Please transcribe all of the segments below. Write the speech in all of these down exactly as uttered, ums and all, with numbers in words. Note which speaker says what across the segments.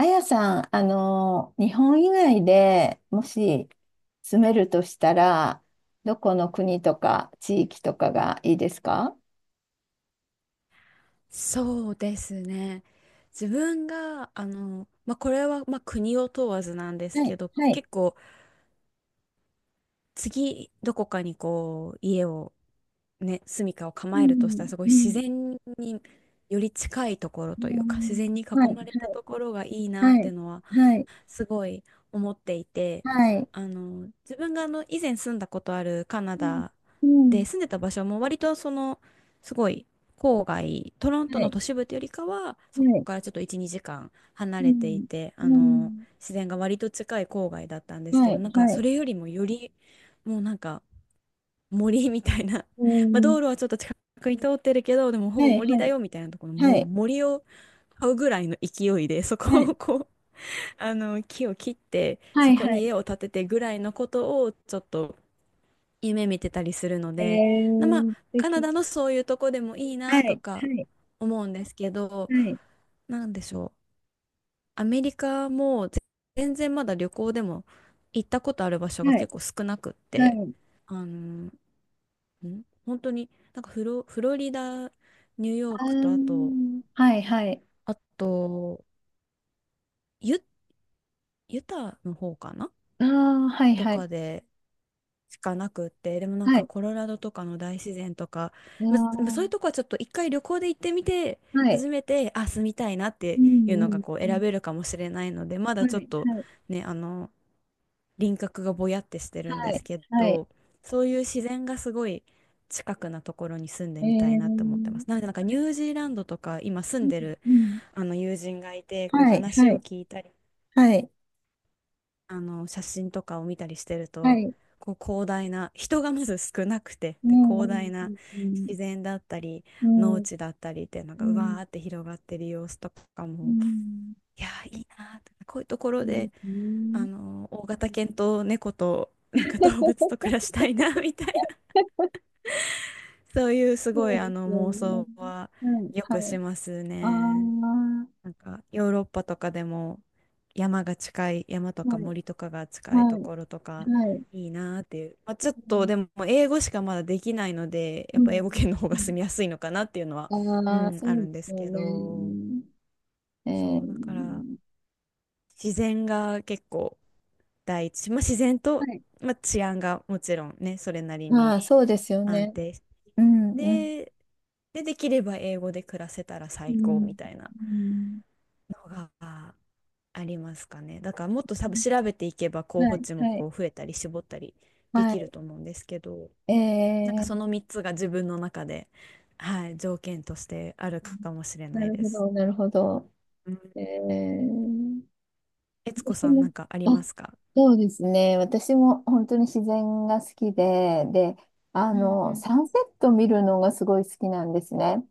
Speaker 1: あやさん、あの、日本以外でもし住めるとしたら、どこの国とか地域とかがいいですか？
Speaker 2: そうですね。自分が、あの、まあ、これは、まあ、国を問わずなんです
Speaker 1: は
Speaker 2: け
Speaker 1: い、
Speaker 2: ど、
Speaker 1: はい。
Speaker 2: 結構、次、どこかにこう、家を、ね、住処を
Speaker 1: う
Speaker 2: 構えるとした
Speaker 1: ん、
Speaker 2: ら、すごい
Speaker 1: う
Speaker 2: 自
Speaker 1: ん、
Speaker 2: 然により近いところ
Speaker 1: う
Speaker 2: というか、自
Speaker 1: ん。
Speaker 2: 然に
Speaker 1: は
Speaker 2: 囲
Speaker 1: い、
Speaker 2: まれたところがいいな
Speaker 1: は
Speaker 2: ってい
Speaker 1: い、
Speaker 2: うのは
Speaker 1: はい、はい。
Speaker 2: すごい思っていて、
Speaker 1: はい、
Speaker 2: あの、自分があの、以前住んだことあるカナ
Speaker 1: うん、
Speaker 2: ダ
Speaker 1: う
Speaker 2: で
Speaker 1: ん、
Speaker 2: 住んでた場所も割とその、すごい郊外、トロント
Speaker 1: は
Speaker 2: の
Speaker 1: い、
Speaker 2: 都市部というよりかは、
Speaker 1: は
Speaker 2: そこ
Speaker 1: い、
Speaker 2: からちょっといち、にじかん離
Speaker 1: う
Speaker 2: れてい
Speaker 1: ん、
Speaker 2: て、
Speaker 1: う
Speaker 2: あの、
Speaker 1: ん、
Speaker 2: 自然が割と近い郊外だったんです
Speaker 1: は
Speaker 2: けど、
Speaker 1: い、
Speaker 2: なんか
Speaker 1: は
Speaker 2: そ
Speaker 1: い、
Speaker 2: れよりもより、もうなんか森みたいな、
Speaker 1: う
Speaker 2: まあ
Speaker 1: ん、
Speaker 2: 道路はちょっと近くに通ってるけど、でもほ
Speaker 1: は
Speaker 2: ぼ
Speaker 1: い、
Speaker 2: 森
Speaker 1: は
Speaker 2: だ
Speaker 1: い、
Speaker 2: よみたいなところ、
Speaker 1: は
Speaker 2: もう
Speaker 1: い、
Speaker 2: 森を買うぐらいの勢いで、そこ
Speaker 1: は
Speaker 2: を
Speaker 1: い、
Speaker 2: こう、あの木を切って
Speaker 1: は
Speaker 2: そ
Speaker 1: い、
Speaker 2: こ
Speaker 1: は
Speaker 2: に
Speaker 1: い。
Speaker 2: 家を建ててぐらいのことをちょっと夢見てたりするの
Speaker 1: え
Speaker 2: で、なまあ
Speaker 1: ー、素
Speaker 2: カナ
Speaker 1: 敵。
Speaker 2: ダのそういうとこでもいい
Speaker 1: は
Speaker 2: なと
Speaker 1: い、
Speaker 2: か
Speaker 1: はい、
Speaker 2: 思うんですけど、
Speaker 1: はい、
Speaker 2: なんでしょう。アメリカもぜ全然まだ旅行でも行ったことある場所が
Speaker 1: はい、
Speaker 2: 結構少なくっ
Speaker 1: は
Speaker 2: て、
Speaker 1: い。
Speaker 2: あの、ん本当になんかフロ、フロリダ、ニュー
Speaker 1: あ
Speaker 2: ヨークとあと、
Speaker 1: ー、はいはい。
Speaker 2: あと、ユ、ユタの方かな
Speaker 1: ああ、はい
Speaker 2: と
Speaker 1: はい。
Speaker 2: かでしかなくって、でもなん
Speaker 1: は
Speaker 2: か
Speaker 1: い。
Speaker 2: コロラドとかの大自然とか、
Speaker 1: あ
Speaker 2: ままそうい
Speaker 1: ー、
Speaker 2: うとこはちょっと一回旅行で行ってみて、
Speaker 1: はい。
Speaker 2: 初めて、あ、住みたいなっ
Speaker 1: う
Speaker 2: ていう
Speaker 1: んう
Speaker 2: のが
Speaker 1: ん
Speaker 2: こう
Speaker 1: う
Speaker 2: 選
Speaker 1: ん。
Speaker 2: べるかもしれないので、まだ
Speaker 1: はい
Speaker 2: ちょっと
Speaker 1: はい。
Speaker 2: ね、あの、輪郭がぼやってしてるん
Speaker 1: は
Speaker 2: で
Speaker 1: い。
Speaker 2: すけ
Speaker 1: はい。
Speaker 2: ど、そういう自然がすごい近くなところに住んで
Speaker 1: え
Speaker 2: みたいなって
Speaker 1: ー、
Speaker 2: 思ってます。なのでなんかニュージーランドとか今住
Speaker 1: う
Speaker 2: ん
Speaker 1: ん
Speaker 2: でる
Speaker 1: うん。
Speaker 2: あの友人がいて、こう
Speaker 1: はい
Speaker 2: 話
Speaker 1: は
Speaker 2: を
Speaker 1: い
Speaker 2: 聞いたり
Speaker 1: はい、
Speaker 2: あの写真とかを見たりしてる
Speaker 1: あ、は
Speaker 2: と
Speaker 1: い。
Speaker 2: こう広大な人がまず少なくて
Speaker 1: う
Speaker 2: で
Speaker 1: んう
Speaker 2: 広
Speaker 1: ん
Speaker 2: 大な
Speaker 1: うん
Speaker 2: 自然だったり
Speaker 1: うん。
Speaker 2: 農
Speaker 1: う
Speaker 2: 地だったりっていうのがう
Speaker 1: ん
Speaker 2: わ
Speaker 1: う
Speaker 2: ーって広がってる様子とかも
Speaker 1: ん
Speaker 2: いやーいいなーってこういうとこ
Speaker 1: う
Speaker 2: ろ
Speaker 1: ん。そうで
Speaker 2: で
Speaker 1: す
Speaker 2: あ
Speaker 1: ね。
Speaker 2: の大型犬と猫となんか動物と暮らしたいな みたいなそういうすご
Speaker 1: そ
Speaker 2: い
Speaker 1: うで
Speaker 2: あ
Speaker 1: す
Speaker 2: の
Speaker 1: よ
Speaker 2: 妄
Speaker 1: ね。
Speaker 2: 想は
Speaker 1: はい
Speaker 2: よく
Speaker 1: は
Speaker 2: し
Speaker 1: い。
Speaker 2: ます
Speaker 1: ああ、
Speaker 2: ね。なんかヨーロッパとかでも山が近い山とか
Speaker 1: はい
Speaker 2: 森とかが近い
Speaker 1: は
Speaker 2: と
Speaker 1: い
Speaker 2: ころとか
Speaker 1: はい。
Speaker 2: いいなーっていう、まあ、
Speaker 1: う
Speaker 2: ちょっと
Speaker 1: ん
Speaker 2: でも英語しかまだできないのでや
Speaker 1: う
Speaker 2: っぱ英語圏
Speaker 1: ん
Speaker 2: の方
Speaker 1: う
Speaker 2: が住
Speaker 1: ん、
Speaker 2: みやすいのかなっていうのは、う
Speaker 1: ああ、
Speaker 2: ん、
Speaker 1: そ
Speaker 2: あ
Speaker 1: う
Speaker 2: る
Speaker 1: で
Speaker 2: んで
Speaker 1: す
Speaker 2: す
Speaker 1: よ
Speaker 2: けど
Speaker 1: ね。え
Speaker 2: そうだから
Speaker 1: ー、
Speaker 2: 自然が結構第一、まあ、自然
Speaker 1: は
Speaker 2: と、
Speaker 1: い。
Speaker 2: まあ、治安がもちろんねそれなり
Speaker 1: ま
Speaker 2: に
Speaker 1: あ、そうですよ
Speaker 2: 安
Speaker 1: ね。
Speaker 2: 定して
Speaker 1: うん、うん、
Speaker 2: で、でできれば英語で暮らせたら
Speaker 1: う
Speaker 2: 最高み
Speaker 1: ん、
Speaker 2: たいな。
Speaker 1: うん、
Speaker 2: のがありますかね。だからもっと多分調べていけば候
Speaker 1: は
Speaker 2: 補
Speaker 1: い、
Speaker 2: 地も
Speaker 1: はい、
Speaker 2: こう増えたり絞ったりできる
Speaker 1: は
Speaker 2: と思うんですけど、
Speaker 1: い。え
Speaker 2: なんかそ
Speaker 1: ー、
Speaker 2: のみっつが自分の中で、はい、条件としてあるかもしれ
Speaker 1: な
Speaker 2: ない
Speaker 1: る
Speaker 2: で
Speaker 1: ほ
Speaker 2: す。
Speaker 1: ど、なるほど。
Speaker 2: うん。
Speaker 1: えー、
Speaker 2: 悦子
Speaker 1: 私
Speaker 2: さんな
Speaker 1: も、
Speaker 2: んかあり
Speaker 1: あ、
Speaker 2: ますか？
Speaker 1: そうですね。私も本当に自然が好きで、で、あ
Speaker 2: うんう
Speaker 1: の、
Speaker 2: ん。
Speaker 1: サンセット見るのがすごい好きなんですね。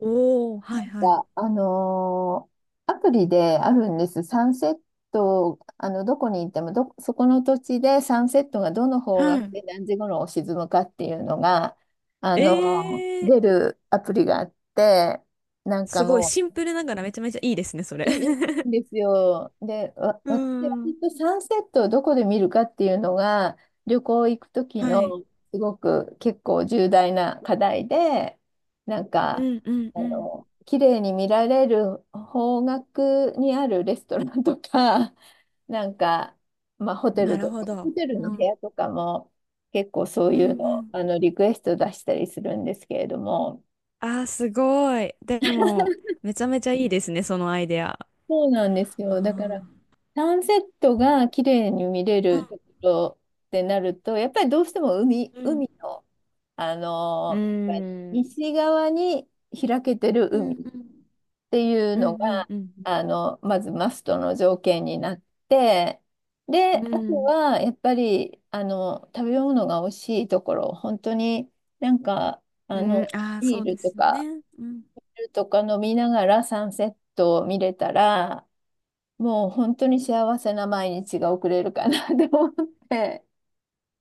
Speaker 2: おおー、はいはい。
Speaker 1: か、あのーアプリであるんです。サンセット、あの、どこに行ってもど、そこの土地でサンセットがどの方角
Speaker 2: は
Speaker 1: で何時頃沈むかっていうのが、あ
Speaker 2: い。
Speaker 1: のー
Speaker 2: えー、
Speaker 1: 出るアプリがあって、なんか
Speaker 2: すごい
Speaker 1: も
Speaker 2: シン
Speaker 1: う、
Speaker 2: プルながらめちゃめちゃいいですね、それ。
Speaker 1: いい、いい んですよ。で、わ、
Speaker 2: う
Speaker 1: 私は
Speaker 2: ー
Speaker 1: きっ
Speaker 2: ん。
Speaker 1: とサンセットをどこで見るかっていうのが、旅行行く時
Speaker 2: はい。
Speaker 1: のすごく結構重大な課題で、なん
Speaker 2: う
Speaker 1: か、
Speaker 2: んうん
Speaker 1: あ
Speaker 2: うん。
Speaker 1: の、綺麗に見られる方角にあるレストランとか、なんか、まあ、ホテ
Speaker 2: な
Speaker 1: ルと
Speaker 2: るほ
Speaker 1: か、ホ
Speaker 2: ど。
Speaker 1: テル
Speaker 2: う
Speaker 1: の部
Speaker 2: ん。
Speaker 1: 屋とかも結構そう
Speaker 2: うん
Speaker 1: い
Speaker 2: う
Speaker 1: うの、
Speaker 2: ん。
Speaker 1: あの、リクエスト出したりするんですけれども、
Speaker 2: あー、すごい。でも、めちゃめちゃいいですね、そのアイデア。
Speaker 1: そうなんです
Speaker 2: あ
Speaker 1: よ。だから、
Speaker 2: ー
Speaker 1: サンセットが綺麗に見れ
Speaker 2: う
Speaker 1: るところってなると、やっぱりどうしても海、海
Speaker 2: ん
Speaker 1: の、あ
Speaker 2: う
Speaker 1: の
Speaker 2: ん。
Speaker 1: 西側に開けてる
Speaker 2: う
Speaker 1: 海っ
Speaker 2: んうん
Speaker 1: ていう
Speaker 2: う
Speaker 1: の
Speaker 2: ん
Speaker 1: が、
Speaker 2: うんうん
Speaker 1: あの、まずマストの条件になって、で、
Speaker 2: う
Speaker 1: あと
Speaker 2: ん
Speaker 1: は、やっぱり、あの、食べ物が美味しいところ、本当になんか、
Speaker 2: う
Speaker 1: あ
Speaker 2: んうん
Speaker 1: の、
Speaker 2: ああー
Speaker 1: ビ
Speaker 2: そ
Speaker 1: ー
Speaker 2: う
Speaker 1: ル
Speaker 2: で
Speaker 1: と
Speaker 2: すよ
Speaker 1: か、
Speaker 2: ねうん
Speaker 1: ビールとか飲みながらサンセットを見れたら、もう本当に幸せな毎日が送れるかな って思って。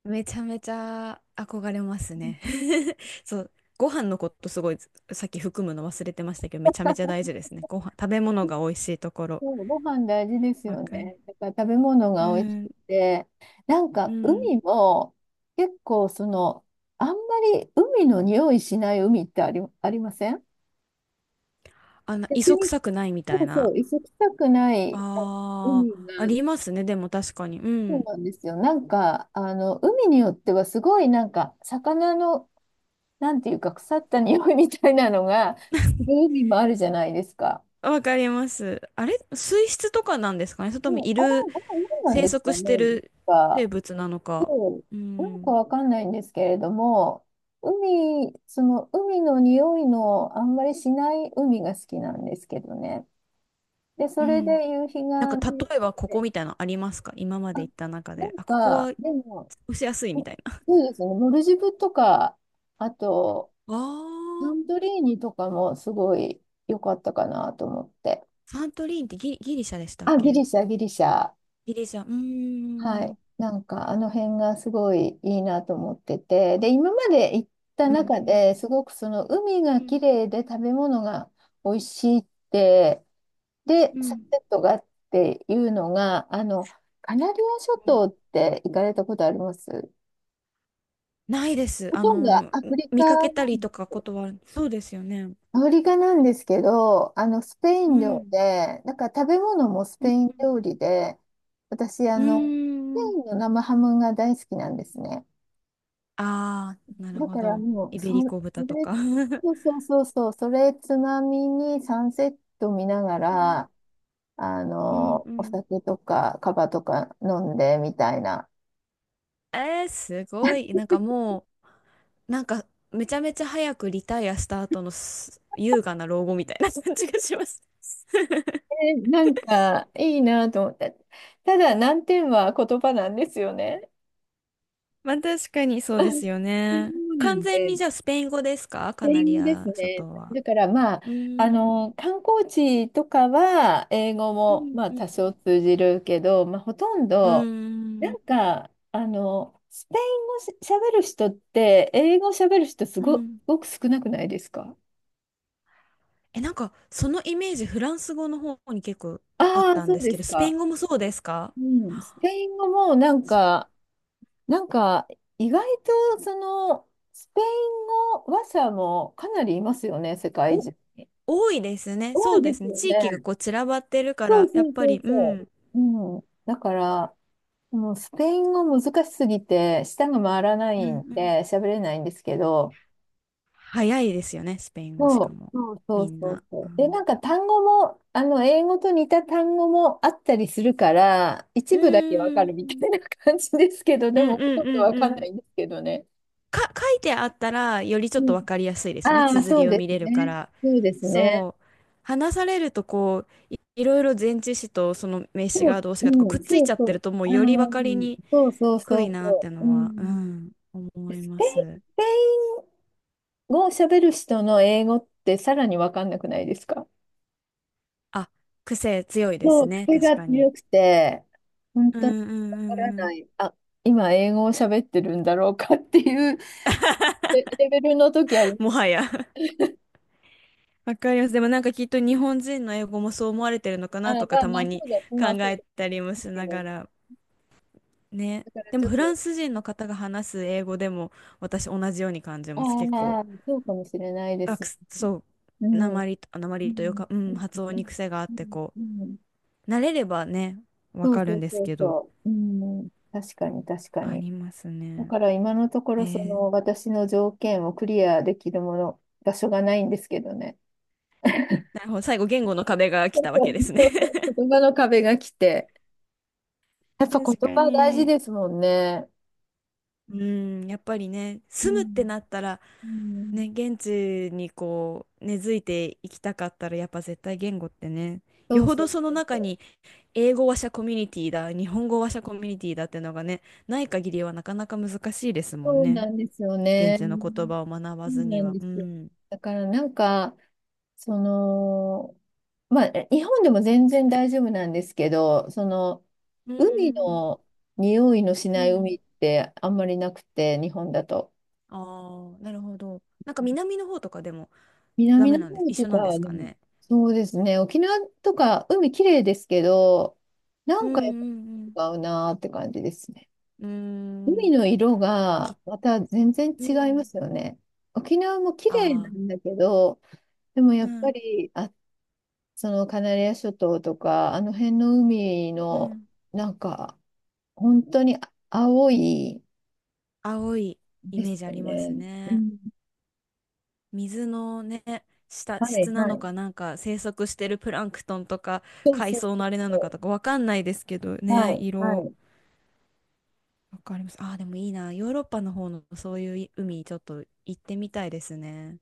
Speaker 2: めちゃめちゃ憧れますね。そう、ご飯のことすごいさっき含むの忘れてましたけど、めちゃめちゃ大事ですね。ご飯、食べ物が美味しいところ。
Speaker 1: そうご飯大事です
Speaker 2: わ
Speaker 1: よ
Speaker 2: かる。
Speaker 1: ね。だから食べ物
Speaker 2: う
Speaker 1: が美味し
Speaker 2: ん、
Speaker 1: くて、なん
Speaker 2: う
Speaker 1: か
Speaker 2: ん。
Speaker 1: 海も結構その、あんまり海の匂いしない海ってあり、ありません？
Speaker 2: あんな、
Speaker 1: 逆
Speaker 2: 磯
Speaker 1: に、
Speaker 2: 臭くないみた
Speaker 1: そ
Speaker 2: い
Speaker 1: うそ
Speaker 2: な。
Speaker 1: う、磯臭くない、あ、
Speaker 2: あ
Speaker 1: 海が、
Speaker 2: あ、ありますね。でも確かに。う
Speaker 1: そう
Speaker 2: ん。
Speaker 1: なんですよ。なんか、あの、海によってはすごいなんか、魚の、なんていうか、腐った匂いみたいなのが、する海もあるじゃないですか。
Speaker 2: わかります。あれ、水質とかなんですかねそれ
Speaker 1: う
Speaker 2: とも
Speaker 1: ん、あれ、
Speaker 2: いる、
Speaker 1: あれ、何なん
Speaker 2: 生
Speaker 1: です
Speaker 2: 息
Speaker 1: か
Speaker 2: して
Speaker 1: ね。なん
Speaker 2: る生
Speaker 1: か、
Speaker 2: 物なのか。
Speaker 1: うん、
Speaker 2: う
Speaker 1: なんか
Speaker 2: ん。
Speaker 1: わかんないんですけれども、海、その海の匂いのあんまりしない海が好きなんですけどね。で、
Speaker 2: う
Speaker 1: それ
Speaker 2: ん。
Speaker 1: で夕日
Speaker 2: なん
Speaker 1: が
Speaker 2: か
Speaker 1: 見れ
Speaker 2: 例えばここ
Speaker 1: て、
Speaker 2: みたいなのありますか？今ま
Speaker 1: あ、
Speaker 2: で行った中
Speaker 1: な
Speaker 2: で。
Speaker 1: ん
Speaker 2: あ、ここは
Speaker 1: か、でも、
Speaker 2: 押しやすい
Speaker 1: そ
Speaker 2: みたいな。
Speaker 1: うですね、モルジブとか、あと、
Speaker 2: あ
Speaker 1: サン
Speaker 2: あ、
Speaker 1: トリーニとかもすごい良かったかなと思って。
Speaker 2: サントリーンってギリ、ギリシャでしたっ
Speaker 1: あ、ギ
Speaker 2: け？
Speaker 1: リシャ、ギリシャ。
Speaker 2: ギリシャ。うー
Speaker 1: はい。
Speaker 2: ん。
Speaker 1: なんかあの辺がすごいいいなと思ってて、で、今まで行った
Speaker 2: うん。
Speaker 1: 中ですごくその海が綺麗で食べ物が美味しいって、で、サンセットがっていうのが、あの、カナリア諸
Speaker 2: うん
Speaker 1: 島って行かれたことあります？
Speaker 2: ないです。
Speaker 1: ほ
Speaker 2: あ
Speaker 1: とんどア
Speaker 2: の、
Speaker 1: フリカ、
Speaker 2: 見かけたりとかことは、そうですよね。
Speaker 1: アフリカなんですけど、あの、スペイ
Speaker 2: う
Speaker 1: ン料
Speaker 2: ん。
Speaker 1: で、なんか食べ物もス
Speaker 2: う
Speaker 1: ペ
Speaker 2: ん
Speaker 1: イン
Speaker 2: う
Speaker 1: 料
Speaker 2: ん
Speaker 1: 理で、私、あ
Speaker 2: うー
Speaker 1: の、スペイ
Speaker 2: ん。
Speaker 1: ンの生ハムが大好きなんですね。
Speaker 2: ああ、なる
Speaker 1: だ
Speaker 2: ほ
Speaker 1: から
Speaker 2: ど。
Speaker 1: もう、
Speaker 2: イ
Speaker 1: そ、
Speaker 2: ベリ
Speaker 1: そ
Speaker 2: コ豚と
Speaker 1: れ、
Speaker 2: か。う
Speaker 1: そうそうそうそう、それつまみにサンセット見なが
Speaker 2: ん
Speaker 1: ら、あ
Speaker 2: うん
Speaker 1: の、
Speaker 2: う
Speaker 1: お
Speaker 2: ん。
Speaker 1: 酒とかカバとか飲んでみたいな。
Speaker 2: えー、すごい。なんかもう、なんかめちゃめちゃ早くリタイアした後のす優雅な老後みたいな感じがします。
Speaker 1: えなんかいいなと思った。ただ難点は言葉なんですよね。
Speaker 2: まあ確かにそうですよ
Speaker 1: そ
Speaker 2: ね。
Speaker 1: うな
Speaker 2: 完
Speaker 1: ん
Speaker 2: 全に
Speaker 1: で。
Speaker 2: じゃあスペイン語ですか
Speaker 1: スペ
Speaker 2: カ
Speaker 1: イ
Speaker 2: ナ
Speaker 1: ン
Speaker 2: リ
Speaker 1: 語です
Speaker 2: ア諸
Speaker 1: ね。
Speaker 2: 島は？
Speaker 1: だからまあ、
Speaker 2: う
Speaker 1: あ
Speaker 2: ー
Speaker 1: の、
Speaker 2: ん。
Speaker 1: 観光地とかは英語
Speaker 2: う
Speaker 1: も
Speaker 2: ん
Speaker 1: まあ
Speaker 2: う
Speaker 1: 多少
Speaker 2: ん。
Speaker 1: 通じるけど、まあ、ほとん
Speaker 2: う
Speaker 1: ど、な
Speaker 2: ー
Speaker 1: ん
Speaker 2: ん。
Speaker 1: か、あの、スペイン語しゃべる人って、英語しゃべる人す
Speaker 2: う
Speaker 1: ご、す
Speaker 2: ん
Speaker 1: ごく少なくないですか？
Speaker 2: え、なんか、そのイメージ、フランス語の方に結構あっ
Speaker 1: ああ、
Speaker 2: たん
Speaker 1: そう
Speaker 2: です
Speaker 1: で
Speaker 2: けど、
Speaker 1: す
Speaker 2: スペイ
Speaker 1: か。
Speaker 2: ン語もそうですか？
Speaker 1: うん、スペ イン語もなん
Speaker 2: そう
Speaker 1: か、なんか、意外とその、スペイン語話者もかなりいますよね、世界
Speaker 2: お、
Speaker 1: 中。
Speaker 2: 多いですね。
Speaker 1: 多
Speaker 2: そう
Speaker 1: いで
Speaker 2: です
Speaker 1: す
Speaker 2: ね。
Speaker 1: よ
Speaker 2: 地域が
Speaker 1: ね。
Speaker 2: こう散らばってるか
Speaker 1: そう
Speaker 2: ら、やっ
Speaker 1: そう
Speaker 2: ぱ
Speaker 1: そ
Speaker 2: り、
Speaker 1: う
Speaker 2: うん、う
Speaker 1: そ
Speaker 2: ん
Speaker 1: う。うん。だから、もうスペイン語難しすぎて、舌が回らな
Speaker 2: う
Speaker 1: いん
Speaker 2: ん
Speaker 1: で、喋れないんですけど、
Speaker 2: 早いですよね、スペイン語し
Speaker 1: そ
Speaker 2: か
Speaker 1: う、
Speaker 2: も。
Speaker 1: そうそ
Speaker 2: み
Speaker 1: う
Speaker 2: ん
Speaker 1: そう
Speaker 2: な。
Speaker 1: そ
Speaker 2: う
Speaker 1: う。で、
Speaker 2: ん
Speaker 1: なんか単語も、あの、英語と似た単語もあったりするから、一
Speaker 2: う
Speaker 1: 部だけわかる
Speaker 2: ー
Speaker 1: みた
Speaker 2: ん、
Speaker 1: いな感じですけど、
Speaker 2: う
Speaker 1: で
Speaker 2: んう
Speaker 1: も、
Speaker 2: ん
Speaker 1: ほとん
Speaker 2: う
Speaker 1: どわ
Speaker 2: ん
Speaker 1: か
Speaker 2: う
Speaker 1: んな
Speaker 2: ん。
Speaker 1: いんですけどね。
Speaker 2: か、書いてあったら、よりちょっ
Speaker 1: う
Speaker 2: とわ
Speaker 1: ん。
Speaker 2: かりやすいですよね。
Speaker 1: ああ、
Speaker 2: 綴
Speaker 1: そう
Speaker 2: りを
Speaker 1: で
Speaker 2: 見れ
Speaker 1: す
Speaker 2: るか
Speaker 1: ね。
Speaker 2: ら。
Speaker 1: そうですね。
Speaker 2: そう。話されると、こう、い、いろいろ前置詞とその名詞
Speaker 1: そ
Speaker 2: が
Speaker 1: う。
Speaker 2: 動詞がとか
Speaker 1: う
Speaker 2: くっ
Speaker 1: ん、
Speaker 2: つい
Speaker 1: そ
Speaker 2: ち
Speaker 1: う
Speaker 2: ゃっ
Speaker 1: そ
Speaker 2: てる
Speaker 1: う。
Speaker 2: と、も
Speaker 1: あ
Speaker 2: う
Speaker 1: あ、
Speaker 2: よりわ
Speaker 1: う
Speaker 2: かり
Speaker 1: ん、
Speaker 2: に
Speaker 1: そうそう
Speaker 2: く
Speaker 1: そ
Speaker 2: い
Speaker 1: う
Speaker 2: なっ
Speaker 1: そ
Speaker 2: て
Speaker 1: う。う
Speaker 2: のは、う
Speaker 1: ん。
Speaker 2: ん、思い
Speaker 1: ス
Speaker 2: ま
Speaker 1: ペインス
Speaker 2: す。
Speaker 1: ペイ語を喋る人の英語ってさらにわかんなくないですか？
Speaker 2: あ、癖強いで
Speaker 1: そ
Speaker 2: す
Speaker 1: う、
Speaker 2: ね。
Speaker 1: 癖
Speaker 2: 確
Speaker 1: が
Speaker 2: か
Speaker 1: 強
Speaker 2: に。
Speaker 1: くて、本
Speaker 2: う
Speaker 1: 当に
Speaker 2: んうん
Speaker 1: わ
Speaker 2: う
Speaker 1: から
Speaker 2: んう
Speaker 1: な
Speaker 2: ん。
Speaker 1: い。あ、今英語を喋ってるんだろうかっていう レレベルの時ありま
Speaker 2: も
Speaker 1: す。
Speaker 2: はや わかります。でもなんかきっと日本人の英語もそう思われてるのか
Speaker 1: あ、
Speaker 2: な
Speaker 1: ま
Speaker 2: とか
Speaker 1: あ
Speaker 2: た
Speaker 1: まあ、
Speaker 2: まに
Speaker 1: そうだ、
Speaker 2: 考
Speaker 1: まあそうだと
Speaker 2: えた
Speaker 1: 思い
Speaker 2: りも
Speaker 1: ます
Speaker 2: し
Speaker 1: け
Speaker 2: な
Speaker 1: ど、
Speaker 2: がら。ね。
Speaker 1: だから
Speaker 2: で
Speaker 1: ち
Speaker 2: も
Speaker 1: ょっ
Speaker 2: フラ
Speaker 1: と、
Speaker 2: ンス人の方が話す英語でも私同じように感じ
Speaker 1: あ
Speaker 2: ます。結構。
Speaker 1: あ、そうかもしれないで
Speaker 2: あ、
Speaker 1: す
Speaker 2: く
Speaker 1: ね。
Speaker 2: すそ
Speaker 1: う
Speaker 2: う。
Speaker 1: ん。うん。
Speaker 2: 鉛と、鉛というか、う
Speaker 1: うん。
Speaker 2: ん、発音に癖があっ
Speaker 1: う
Speaker 2: て
Speaker 1: ん。
Speaker 2: こ
Speaker 1: うん、
Speaker 2: う。慣れればね、わ
Speaker 1: そう
Speaker 2: かる
Speaker 1: そ
Speaker 2: ん
Speaker 1: う
Speaker 2: です
Speaker 1: そう
Speaker 2: けど。
Speaker 1: そう。うん。確かに、確か
Speaker 2: あ
Speaker 1: に。
Speaker 2: ります
Speaker 1: だ
Speaker 2: ね。
Speaker 1: から今のとこ
Speaker 2: え
Speaker 1: ろそ
Speaker 2: ー、
Speaker 1: の私の条件をクリアできるもの、場所がないんですけどね。
Speaker 2: なるほど。最後、言語の壁が来
Speaker 1: そう
Speaker 2: たわ
Speaker 1: そ
Speaker 2: け
Speaker 1: う
Speaker 2: です
Speaker 1: そ
Speaker 2: ね。
Speaker 1: うそう、 言葉の壁が来て。やっぱ言
Speaker 2: 確か
Speaker 1: 葉大事
Speaker 2: に。
Speaker 1: ですもんね。
Speaker 2: うん、やっぱりね、
Speaker 1: う
Speaker 2: 住むって
Speaker 1: ん。
Speaker 2: なったら、
Speaker 1: うん。
Speaker 2: ね、現地にこう、根付いていきたかったら、やっぱ絶対言語ってね、
Speaker 1: そ
Speaker 2: よ
Speaker 1: う
Speaker 2: ほ
Speaker 1: そ
Speaker 2: ど
Speaker 1: う
Speaker 2: その
Speaker 1: そう
Speaker 2: 中
Speaker 1: そ
Speaker 2: に
Speaker 1: う。
Speaker 2: 英語話者コミュニティだ、日本語話者コミュニティだってのがね、ない限りはなかなか難しいですもん
Speaker 1: そうな
Speaker 2: ね。
Speaker 1: んですよ
Speaker 2: 現
Speaker 1: ね。
Speaker 2: 地の言葉を学ば
Speaker 1: そう
Speaker 2: ず
Speaker 1: な
Speaker 2: に
Speaker 1: ん
Speaker 2: は。
Speaker 1: で
Speaker 2: う
Speaker 1: すよ。
Speaker 2: ん。
Speaker 1: だからなんか、その、まあ、え、日本でも全然大丈夫なんですけど、その、
Speaker 2: うんう
Speaker 1: 海
Speaker 2: ん
Speaker 1: の匂いのし
Speaker 2: うんう
Speaker 1: ない海
Speaker 2: ん
Speaker 1: ってあんまりなくて、日本だと。
Speaker 2: ああ、なるほど。なんか南の方とかでもダ
Speaker 1: 南の
Speaker 2: メなんです。
Speaker 1: 方
Speaker 2: 一
Speaker 1: と
Speaker 2: 緒なんで
Speaker 1: か、
Speaker 2: す
Speaker 1: で
Speaker 2: か
Speaker 1: も、
Speaker 2: ね。
Speaker 1: そうですね。沖縄とか海綺麗ですけど、な
Speaker 2: う
Speaker 1: んかやっ
Speaker 2: ん
Speaker 1: ぱ違うなーって感じですね。
Speaker 2: うんう
Speaker 1: 海
Speaker 2: ん。
Speaker 1: の色がまた全然
Speaker 2: うーん
Speaker 1: 違
Speaker 2: きう
Speaker 1: いま
Speaker 2: ん
Speaker 1: すよね。沖縄も綺麗
Speaker 2: あ
Speaker 1: な
Speaker 2: あ、
Speaker 1: んだけど、でも
Speaker 2: う
Speaker 1: やっぱ
Speaker 2: ん
Speaker 1: り、あ、そのカナリア諸島とか、あの辺の海
Speaker 2: う
Speaker 1: の、
Speaker 2: ん
Speaker 1: なんか、本当にあ青い
Speaker 2: 青いイ
Speaker 1: で
Speaker 2: メー
Speaker 1: す
Speaker 2: ジあ
Speaker 1: よ
Speaker 2: ります
Speaker 1: ね。う
Speaker 2: ね。
Speaker 1: ん。
Speaker 2: 水のね、下、
Speaker 1: は
Speaker 2: 質
Speaker 1: い、
Speaker 2: な
Speaker 1: は
Speaker 2: の
Speaker 1: い。
Speaker 2: かなんか生息してるプランクトンとか
Speaker 1: そう
Speaker 2: 海
Speaker 1: そう
Speaker 2: 藻
Speaker 1: そ
Speaker 2: の
Speaker 1: う
Speaker 2: あれなのか
Speaker 1: そ
Speaker 2: とかわかんないですけど
Speaker 1: う。は
Speaker 2: ね、
Speaker 1: い、は
Speaker 2: 色。
Speaker 1: い。
Speaker 2: わかります。ああ、でもいいな。ヨーロッパの方のそういう海ちょっと行ってみたいですね。